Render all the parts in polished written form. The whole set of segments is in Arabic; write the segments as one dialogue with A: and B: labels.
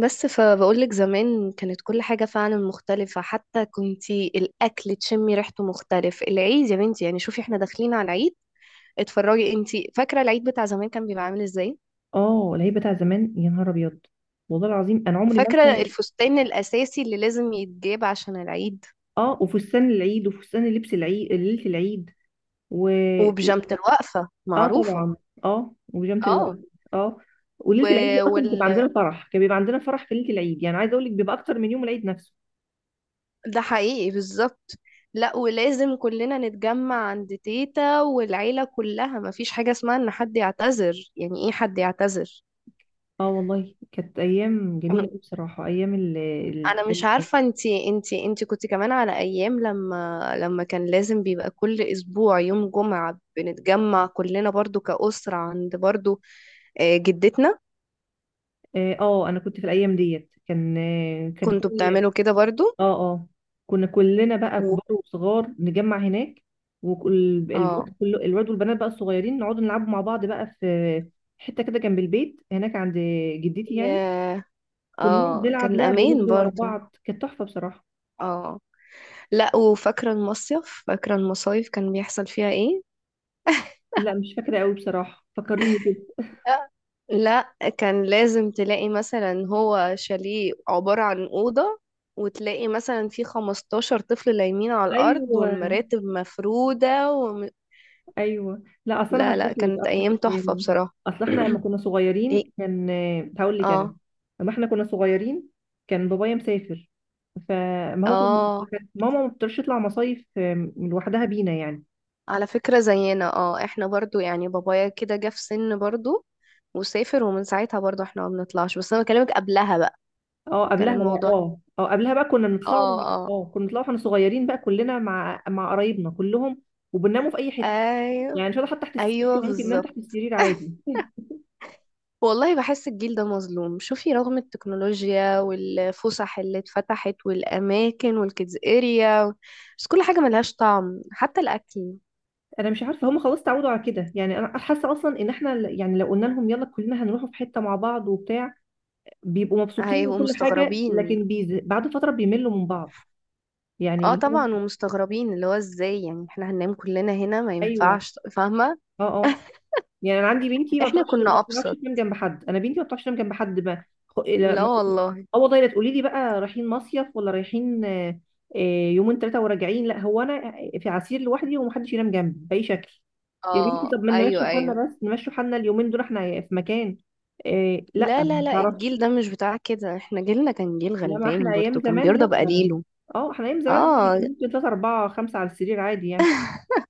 A: بس فبقولك زمان كانت كل حاجة فعلا مختلفة، حتى كنتي الأكل تشمي ريحته مختلف. العيد يا بنتي يعني شوفي احنا داخلين على العيد. اتفرجي انتي، فاكرة العيد بتاع زمان كان بيبقى عامل ازاي؟
B: اه، العيد بتاع زمان يا نهار ابيض. والله العظيم، انا عمري ما
A: فاكرة، ايوه
B: انسى.
A: الفستان الأساسي اللي لازم يتجاب عشان العيد،
B: اه، وفستان العيد وفستان لبس العيد ليله العيد. و
A: وبيجامة الوقفة
B: اه
A: معروفة.
B: طبعا. اه، وبيجامه الوقت.
A: اه
B: اه،
A: و...
B: وليله العيد دي اصلا
A: وال...
B: بتبقى عندنا فرح، كان بيبقى عندنا فرح في ليله العيد، يعني عايزه اقول لك بيبقى اكتر من يوم العيد نفسه.
A: ده حقيقي بالظبط. لا، ولازم كلنا نتجمع عند تيتا والعيلة كلها، مفيش حاجة اسمها ان حد يعتذر. يعني ايه حد يعتذر؟
B: اه والله، كانت ايام جميله قوي بصراحه، ايام
A: انا مش
B: التجمعات.
A: عارفه، انتي كنت كمان على ايام لما كان لازم بيبقى كل اسبوع يوم جمعه بنتجمع كلنا برضو كأسره عند برضو جدتنا.
B: انا كنت في الايام ديت كان
A: كنتوا
B: كل.
A: بتعملوا كده برضو؟
B: اه اه، كنا كلنا بقى
A: و...
B: كبار وصغار نجمع هناك.
A: اه.
B: والواد كله، الواد والبنات بقى الصغيرين، نقعد نلعبوا مع بعض بقى في حته كده جنب البيت هناك عند جدتي يعني.
A: ياه.
B: كنا
A: اه
B: بنلعب
A: كان
B: لعب
A: امان
B: ونجري ورا
A: برضو.
B: بعض، كانت تحفه بصراحه.
A: اه. لا وفاكره المصيف، فاكره المصايف كان بيحصل فيها ايه.
B: لا مش فاكره قوي بصراحه، فكريني كده.
A: لا كان لازم تلاقي مثلا هو شاليه عبارة عن أوضة، وتلاقي مثلا في 15 طفل لايمين على الأرض
B: ايوه
A: والمراتب مفرودة
B: ايوه، لا اصل انا
A: لا
B: هشرح
A: لا،
B: لك،
A: كانت
B: اصل
A: أيام تحفة
B: يعني،
A: بصراحة.
B: اصل احنا لما كنا
A: إيه.
B: صغيرين كان. هقول لك انا،
A: اه.
B: لما احنا كنا صغيرين كان بابايا مسافر، فما هو
A: اه.
B: كانت ماما ما بتقدرش تطلع مصايف لوحدها بينا يعني.
A: على فكرة زينا، احنا برضو يعني بابايا كده جه في سن برضو وسافر، ومن ساعتها برضو احنا ما بنطلعش. بس أنا بكلمك قبلها بقى
B: اه
A: كان
B: قبلها بقى.
A: الموضوع.
B: اه اه، قبلها بقى كنا بنطلع.
A: اه. اه.
B: اه، كنا بنطلع واحنا صغيرين بقى كلنا مع قرايبنا كلهم، وبنناموا في اي حته.
A: ايوه.
B: يعني مش هقول حتى تحت السرير،
A: ايوه
B: كان ممكن ننام تحت
A: بالظبط.
B: السرير عادي.
A: والله بحس الجيل ده مظلوم. شوفي، رغم التكنولوجيا والفسح اللي اتفتحت والأماكن والكيدز اريا، بس كل حاجة ملهاش طعم حتى الأكل.
B: انا مش عارفه، هم خلاص تعودوا على كده، يعني انا حاسه اصلا ان احنا يعني لو قلنا لهم يلا كلنا هنروحوا في حته مع بعض وبتاع، بيبقوا مبسوطين
A: هيبقوا
B: وكل حاجه،
A: مستغربين،
B: لكن بعد فتره بيملوا من بعض. يعني
A: اه
B: اللي هو.
A: طبعا، ومستغربين اللي هو ازاي يعني احنا هننام كلنا هنا، ما
B: ايوه.
A: ينفعش فاهمة.
B: اه آه. يعني انا عندي بنتي ما
A: احنا
B: بتعرفش ما
A: كنا
B: بتعرفش
A: أبسط.
B: تنام جنب حد، انا بنتي ما بتعرفش تنام جنب حد ما خ- لا-
A: لا
B: ما-
A: والله.
B: اه والله، لا تقولي لي بقى رايحين مصيف ولا رايحين آه، يومين ثلاثه وراجعين، لا هو انا في عسير لوحدي ومحدش ينام جنبي باي شكل. يا بنتي طب
A: اه.
B: ما
A: ايوه
B: نمشي
A: ايوه.
B: حالنا، بس نمشي حالنا اليومين دول احنا في مكان إيه. لا
A: لا لا
B: ما
A: لا،
B: تعرفش.
A: الجيل ده مش بتاع كده، احنا جيلنا كان جيل
B: لا ما احنا
A: غلبان
B: ايام
A: برضو كان
B: زمان
A: بيرضى
B: لا.
A: بقليله.
B: اه، احنا ايام زمان عادي
A: اه.
B: كان ممكن ثلاثة أربعة خمسة على السرير عادي يعني،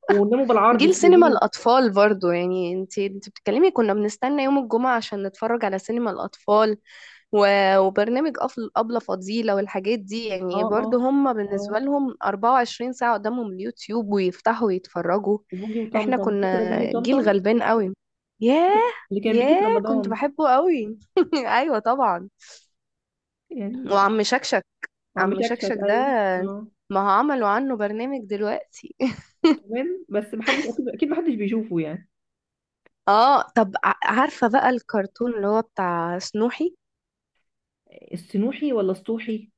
B: وناموا بالعرض
A: جيل سينما
B: السرير.
A: الأطفال برضو، يعني انت بتتكلمي كنا بنستنى يوم الجمعة عشان نتفرج على سينما الأطفال. و- وبرنامج أبلة فضيلة والحاجات دي، يعني
B: اه اه
A: برضو هم بالنسبة
B: اه،
A: لهم 24 ساعة قدامهم اليوتيوب ويفتحوا ويتفرجوا.
B: وبوجي
A: احنا
B: وطمطم،
A: كنا
B: فاكرة بوجي
A: جيل
B: وطمطم
A: غلبان قوي. ياه.
B: اللي كان بيجي
A: ياه
B: في
A: كنت
B: رمضان؟
A: بحبه قوي. ايوه طبعا.
B: يعني
A: وعم شكشك.
B: عم
A: عم
B: شكشك،
A: شكشك ده
B: ايوه اه،
A: ما هو عملوا عنه برنامج دلوقتي.
B: كمان، بس محدش، اكيد اكيد محدش بيشوفه يعني.
A: اه طب عارفة بقى الكرتون اللي هو بتاع سنوحي؟
B: السنوحي ولا السطوحي؟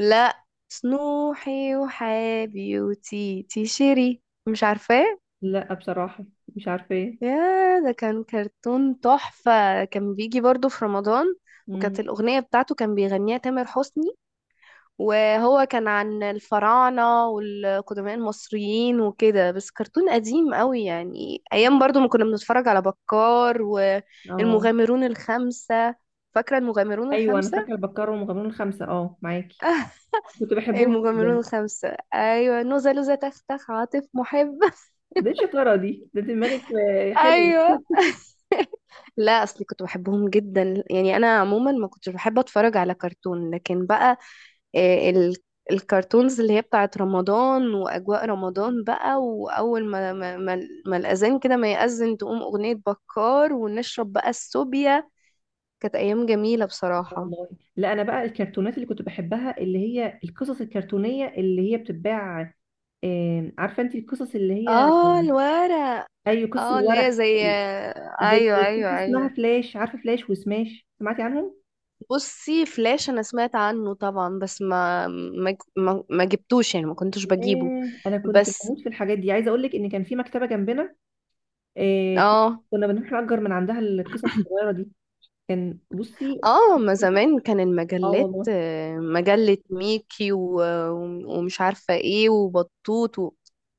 A: لا، سنوحي وحابي وتيتي شيري، مش عارفاه.
B: لا بصراحة، مش عارفة ايه.
A: يا ده كان كرتون تحفة، كان بيجي برضو في رمضان، وكانت
B: مم.
A: الأغنية بتاعته كان بيغنيها تامر حسني، وهو كان عن الفراعنة والقدماء المصريين وكده، بس كرتون قديم قوي يعني، أيام برضو ما كنا بنتفرج على بكار
B: اه
A: والمغامرون الخمسة. فاكرة المغامرون
B: ايوه، انا
A: الخمسة؟
B: فاكره البكار ومغامرون الخمسه، اه معاكي، كنت بحبهم
A: المجملون
B: جدا.
A: الخمسة، أيوة نوزة لوزة تختخ عاطف محب.
B: دي الشطاره دي، ده دماغك حلو.
A: أيوة، لا أصلي كنت بحبهم جدا يعني، أنا عموما ما كنتش بحب أتفرج على كرتون، لكن بقى آه، ال الكرتونز اللي هي بتاعت رمضان وأجواء رمضان بقى. وأول ما الأذان كده، ما يأذن تقوم أغنية بكار ونشرب بقى السوبيا. كانت أيام جميلة بصراحة.
B: والله. لا انا بقى الكرتونات اللي كنت بحبها اللي هي القصص الكرتونيه اللي هي بتتباع، عارفه انت القصص اللي هي،
A: اه الورق.
B: اي قصص
A: اه اللي هي
B: الورق،
A: زي
B: زي،
A: ايوه
B: في
A: ايوه
B: اسمها
A: ايوه.
B: فلاش، عارفه فلاش وسماش، سمعتي عنهم؟
A: بصي فلاش انا سمعت عنه طبعا، بس ما جبتوش يعني، ما كنتش بجيبه.
B: ياه، انا كنت
A: بس.
B: بموت في الحاجات دي، عايزه اقول لك ان كان في مكتبه جنبنا. آه ك-
A: اه.
B: كنا بنروح نأجر من عندها القصص الصغيره دي، كان بصي.
A: اه. ما زمان كان
B: اه
A: المجلات
B: والله.
A: مجلة ميكي و- و- ومش عارفة ايه وبطوط.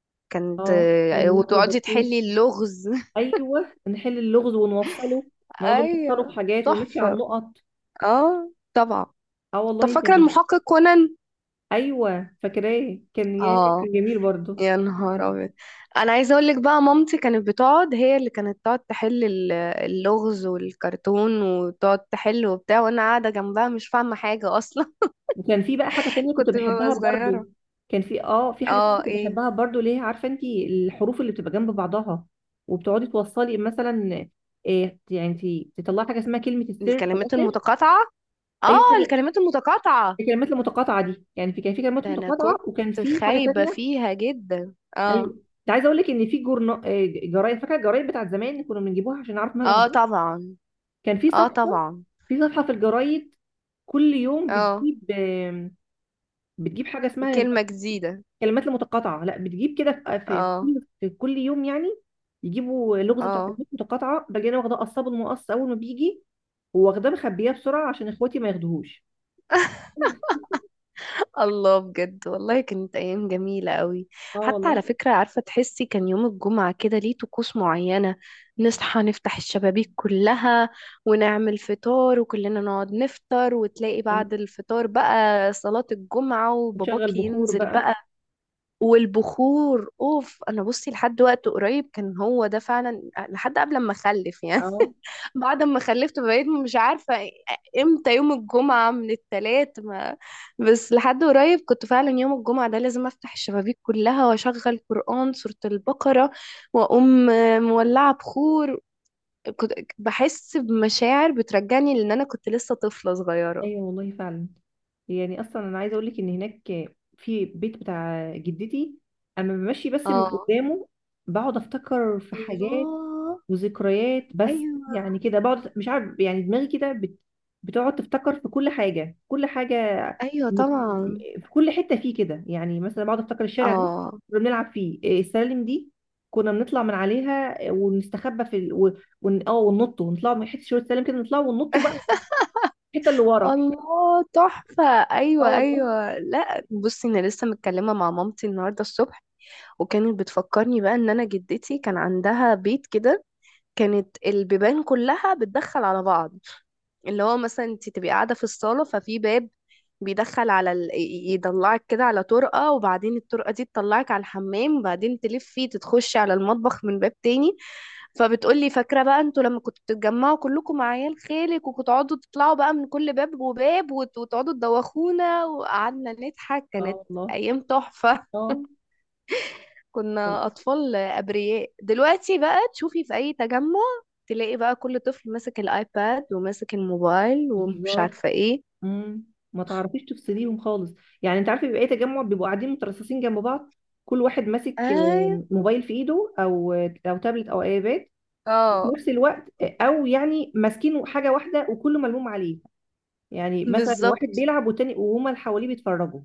A: وكانت
B: اه كان ميكي
A: وتقعدي
B: وبطوط.
A: تحلي اللغز.
B: ايوه، نحل اللغز ونوصله، نقعد نوصله في
A: ايوه.
B: حاجات ونمشي على
A: تحفة.
B: النقط.
A: اه طبعا.
B: اه
A: طب
B: والله
A: فاكرة
B: كان.
A: المحقق كونان؟
B: ايوه فاكراه، كان ياه
A: اه.
B: كان جميل برضه.
A: يا نهار ابيض. انا عايزه اقول لك بقى، مامتي كانت بتقعد هي اللي كانت تقعد تحل اللغز والكرتون وتقعد تحل وبتاع، وانا قاعده جنبها مش فاهمه حاجه اصلا.
B: وكان في بقى حاجة تانية كنت
A: كنت ببقى
B: بحبها برضو.
A: صغيره.
B: كان في حاجة تانية
A: اه.
B: كنت
A: ايه.
B: بحبها برضو، ليه عارفة انت الحروف اللي بتبقى جنب بعضها وبتقعدي توصلي مثلا إيه يعني، انت تطلعي حاجة اسمها كلمة السر في
A: الكلمات
B: الآخر.
A: المتقاطعه.
B: أيوة
A: اه.
B: كده.
A: الكلمات المتقاطعه
B: الكلمات المتقاطعة دي، يعني في كلمات
A: ده انا
B: متقاطعة
A: كنت
B: وكان في حاجة
A: خايبه
B: تانية.
A: فيها جدا.
B: أيوة.
A: اه.
B: انت عايزة أقول لك إن في جورنا جرايد، فاكرة الجرايد بتاعت زمان كنا بنجيبوها عشان نعرف مال
A: اه
B: الأخبار.
A: طبعا.
B: كان في
A: اه
B: صفحة،
A: طبعا.
B: في الجرايد كل يوم
A: اه.
B: بتجيب بتجيب حاجة اسمها
A: كلمه جديده.
B: كلمات المتقاطعه، لا بتجيب كده
A: اه.
B: في كل يوم يعني، يجيبوا لغز بتاع
A: اه.
B: كلمات متقاطعه، باجي انا واخداه قصاب المقص اول ما بيجي، واخداه مخبياه بسرعه عشان اخواتي ما ياخدوهوش.
A: الله بجد، والله كانت ايام جميله قوي.
B: اه
A: حتى
B: والله.
A: على فكره، عارفه تحسي كان يوم الجمعه كده ليه طقوس معينه؟ نصحى نفتح الشبابيك كلها، ونعمل فطار، وكلنا نقعد نفطر، وتلاقي بعد الفطار بقى صلاه الجمعه
B: نشغل
A: وباباكي
B: بخور
A: ينزل
B: بقى.
A: بقى. والبخور اوف، انا بصي لحد وقت قريب كان هو ده فعلا. لحد قبل ما اخلف يعني،
B: اه
A: بعد ما خلفت بقيت مش عارفة امتى يوم الجمعة من التلات ما. بس لحد قريب كنت فعلا يوم الجمعة ده لازم افتح الشبابيك كلها واشغل قرآن سورة البقرة، واقوم مولعة بخور. كنت بحس بمشاعر بترجعني لان انا كنت لسه طفلة صغيرة.
B: ايوه والله فعلا. يعني اصلا انا عايزه اقول لك ان هناك، في بيت بتاع جدتي، اما بمشي بس من
A: اه.
B: قدامه بقعد افتكر في حاجات
A: الله.
B: وذكريات بس.
A: ايوه.
B: يعني كده بقعد، مش عارف يعني، دماغي كده بتقعد تفتكر في كل حاجه، كل حاجه.
A: ايوه
B: م-
A: طبعا.
B: في كل حته فيه كده، يعني مثلا بقعد افتكر الشارع ده
A: اه.
B: كنا بنلعب فيه، السلالم دي كنا بنطلع من عليها، ونستخبى في ال... و... ون... اه وننط ونطلع من حته شويه سلالم كده، نطلع وننط بقى الحته اللي ورا.
A: الله تحفة.
B: اه
A: ايوه
B: والله.
A: ايوه. لا بصي انا لسه متكلمة مع مامتي النهاردة الصبح، وكانت بتفكرني بقى ان انا جدتي كان عندها بيت كده، كانت البيبان كلها بتدخل على بعض. اللي هو مثلا انت تبقي قاعده في الصاله، ففي باب بيدخل على يطلعك كده على طرقه، وبعدين الطرقه دي تطلعك على الحمام، وبعدين تلفي تتخشي على المطبخ من باب تاني. فبتقولي فاكره بقى انتوا لما كنتوا بتتجمعوا كلكم مع عيال خالك، وكنتوا تطلعوا بقى من كل باب وباب، وتقعدوا تدوخونا، وقعدنا نضحك.
B: اه
A: كانت
B: والله.
A: ايام تحفه.
B: اه والله.
A: كنا أطفال أبرياء، دلوقتي بقى تشوفي في أي تجمع تلاقي بقى كل طفل ماسك الآيباد وماسك الموبايل ومش
B: بالظبط.
A: عارفة ايه.
B: امم ما تعرفيش تفصليهم خالص، يعني انت عارفه بيبقى ايه؟ تجمع بيبقوا قاعدين مترصصين جنب بعض، كل واحد ماسك
A: ايوه.
B: موبايل في ايده او تابلت او ايباد في
A: اه
B: نفس الوقت، او يعني ماسكين حاجه واحده وكله ملموم عليه، يعني مثلا واحد
A: بالظبط.
B: بيلعب والتاني، وهما اللي حواليه بيتفرجوا.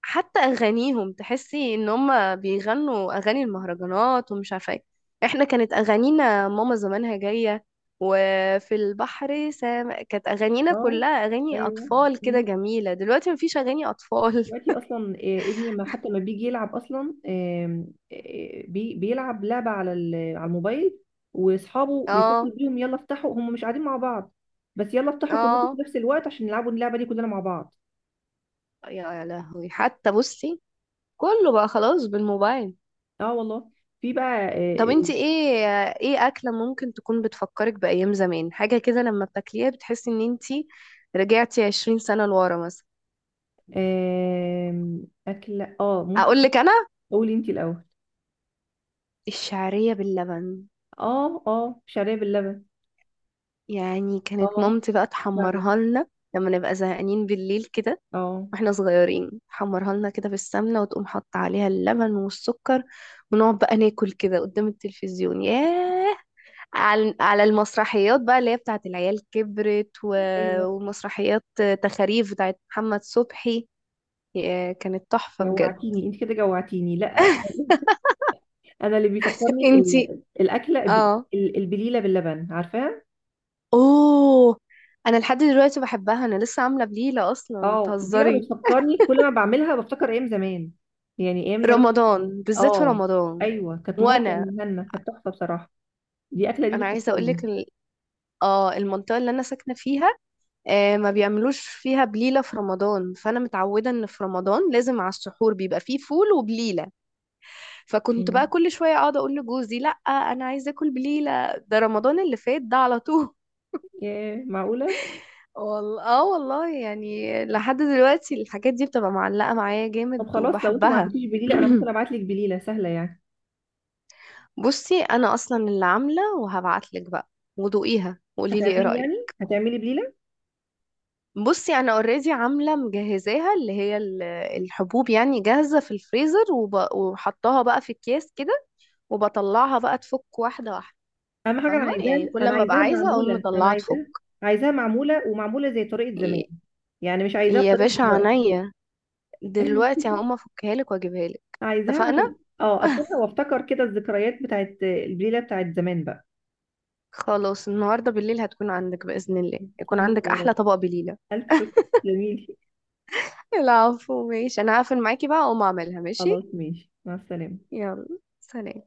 A: حتى أغانيهم تحسي إن هما بيغنوا أغاني المهرجانات ومش عارفة ايه. احنا كانت أغانينا ماما زمانها جاية، وفي البحر كانت أغانينا
B: اه
A: كلها أغاني
B: ايوه.
A: أطفال كده
B: مم.
A: جميلة. دلوقتي مفيش أغاني أطفال.
B: دلوقتي اصلا ابني ما حتى ما بيجي يلعب اصلا، بيلعب لعبه على الموبايل، واصحابه
A: اه.
B: بيتصلوا بيهم يلا افتحوا، هم مش قاعدين مع بعض، بس يلا افتحوا كلكم في
A: اه.
B: نفس الوقت عشان نلعبوا اللعبه دي كلنا مع بعض.
A: يا لهوي. حتى بصي كله بقى خلاص بالموبايل.
B: اه والله. في بقى
A: طب انت
B: آه،
A: ايه؟ ايه اكلة ممكن تكون بتفكرك بأيام زمان؟ حاجة كده لما بتاكليها بتحسي ان انت رجعتي 20 سنة لورا مثلا.
B: آم، اكله اه ممكن.
A: اقول لك انا،
B: قولي انت الاول.
A: الشعرية باللبن.
B: اه اه، شعريه باللبن،
A: يعني كانت
B: اه
A: مامتي بقى
B: فعلا.
A: تحمرها لنا لما نبقى زهقانين بالليل كده
B: اه
A: واحنا صغيرين، تحمرها لنا كده في السمنة وتقوم حاطة عليها اللبن والسكر، ونقعد بقى ناكل كده قدام التلفزيون. ياه. على المسرحيات بقى اللي هي بتاعت العيال كبرت
B: ايوه،
A: ومسرحيات تخاريف بتاعت محمد صبحي. كانت تحفة بجد.
B: جوعتيني انت كده، جوعتيني لا. انا اللي بيفكرني
A: انتي.
B: الاكله
A: اه.
B: البليله باللبن، عارفاها.
A: اوه. انا لحد دلوقتي بحبها، انا لسه عاملة بليلة اصلا
B: اه دي بقى
A: بتهزري.
B: بتفكرني، كل ما بعملها بفتكر ايام زمان، يعني ايام زمان.
A: رمضان، بالذات في
B: اه
A: رمضان.
B: ايوه، كانت ماما
A: وانا
B: بتعملها لنا، كانت تحفه بصراحه، دي اكله دي
A: انا عايزة
B: بتفكرني.
A: اقولك اه المنطقة اللي انا ساكنة فيها ما بيعملوش فيها بليلة في رمضان. فانا متعودة ان في رمضان لازم على السحور بيبقى فيه فول وبليلة. فكنت بقى
B: مم.
A: كل شوية اقعد اقول لجوزي لا انا عايزة اكل بليلة، ده رمضان اللي فات ده على طول.
B: ياه معقوله.
A: والله. اه والله يعني لحد دلوقتي الحاجات دي بتبقى معلقة معايا
B: طب
A: جامد
B: خلاص، لو انتوا ما
A: وبحبها.
B: عندكيش بليله انا ممكن ابعت لك بليله سهله يعني.
A: بصي انا اصلا اللي عاملة وهبعتلك بقى، ودوقيها وقولي لي ايه
B: هتعملي يعني،
A: رأيك.
B: هتعملي بليله؟
A: بصي انا اوريدي عاملة مجهزاها، اللي هي الحبوب يعني جاهزة في الفريزر، وحطاها بقى في اكياس كده، وبطلعها بقى تفك واحدة واحدة.
B: اهم حاجه انا
A: فاهمة يعني
B: عايزاها،
A: كل
B: انا
A: ما ابقى
B: عايزاها
A: عايزة اقوم
B: معموله، انا
A: مطلعها
B: عايزاها، عايزاها معموله، ومعموله زي طريقه زمان،
A: تفك.
B: يعني مش عايزاها
A: يا
B: بطريقه
A: باشا
B: دلوقتي.
A: عينيا، دلوقتي هقوم افكها لك واجيبها لك.
B: عايزاها
A: اتفقنا.
B: عشان اه اكون وافتكر كده الذكريات بتاعت الليله بتاعت زمان بقى.
A: خلاص، النهارده بالليل هتكون عندك باذن الله، يكون
B: جميل
A: عندك
B: يا رب.
A: احلى طبق بليله.
B: الف شكر. جميل.
A: العفو ماشي، انا هقفل معاكي بقى اقوم اعملها. ماشي.
B: خلاص ماشي، مع السلامه.
A: يلا. سلام.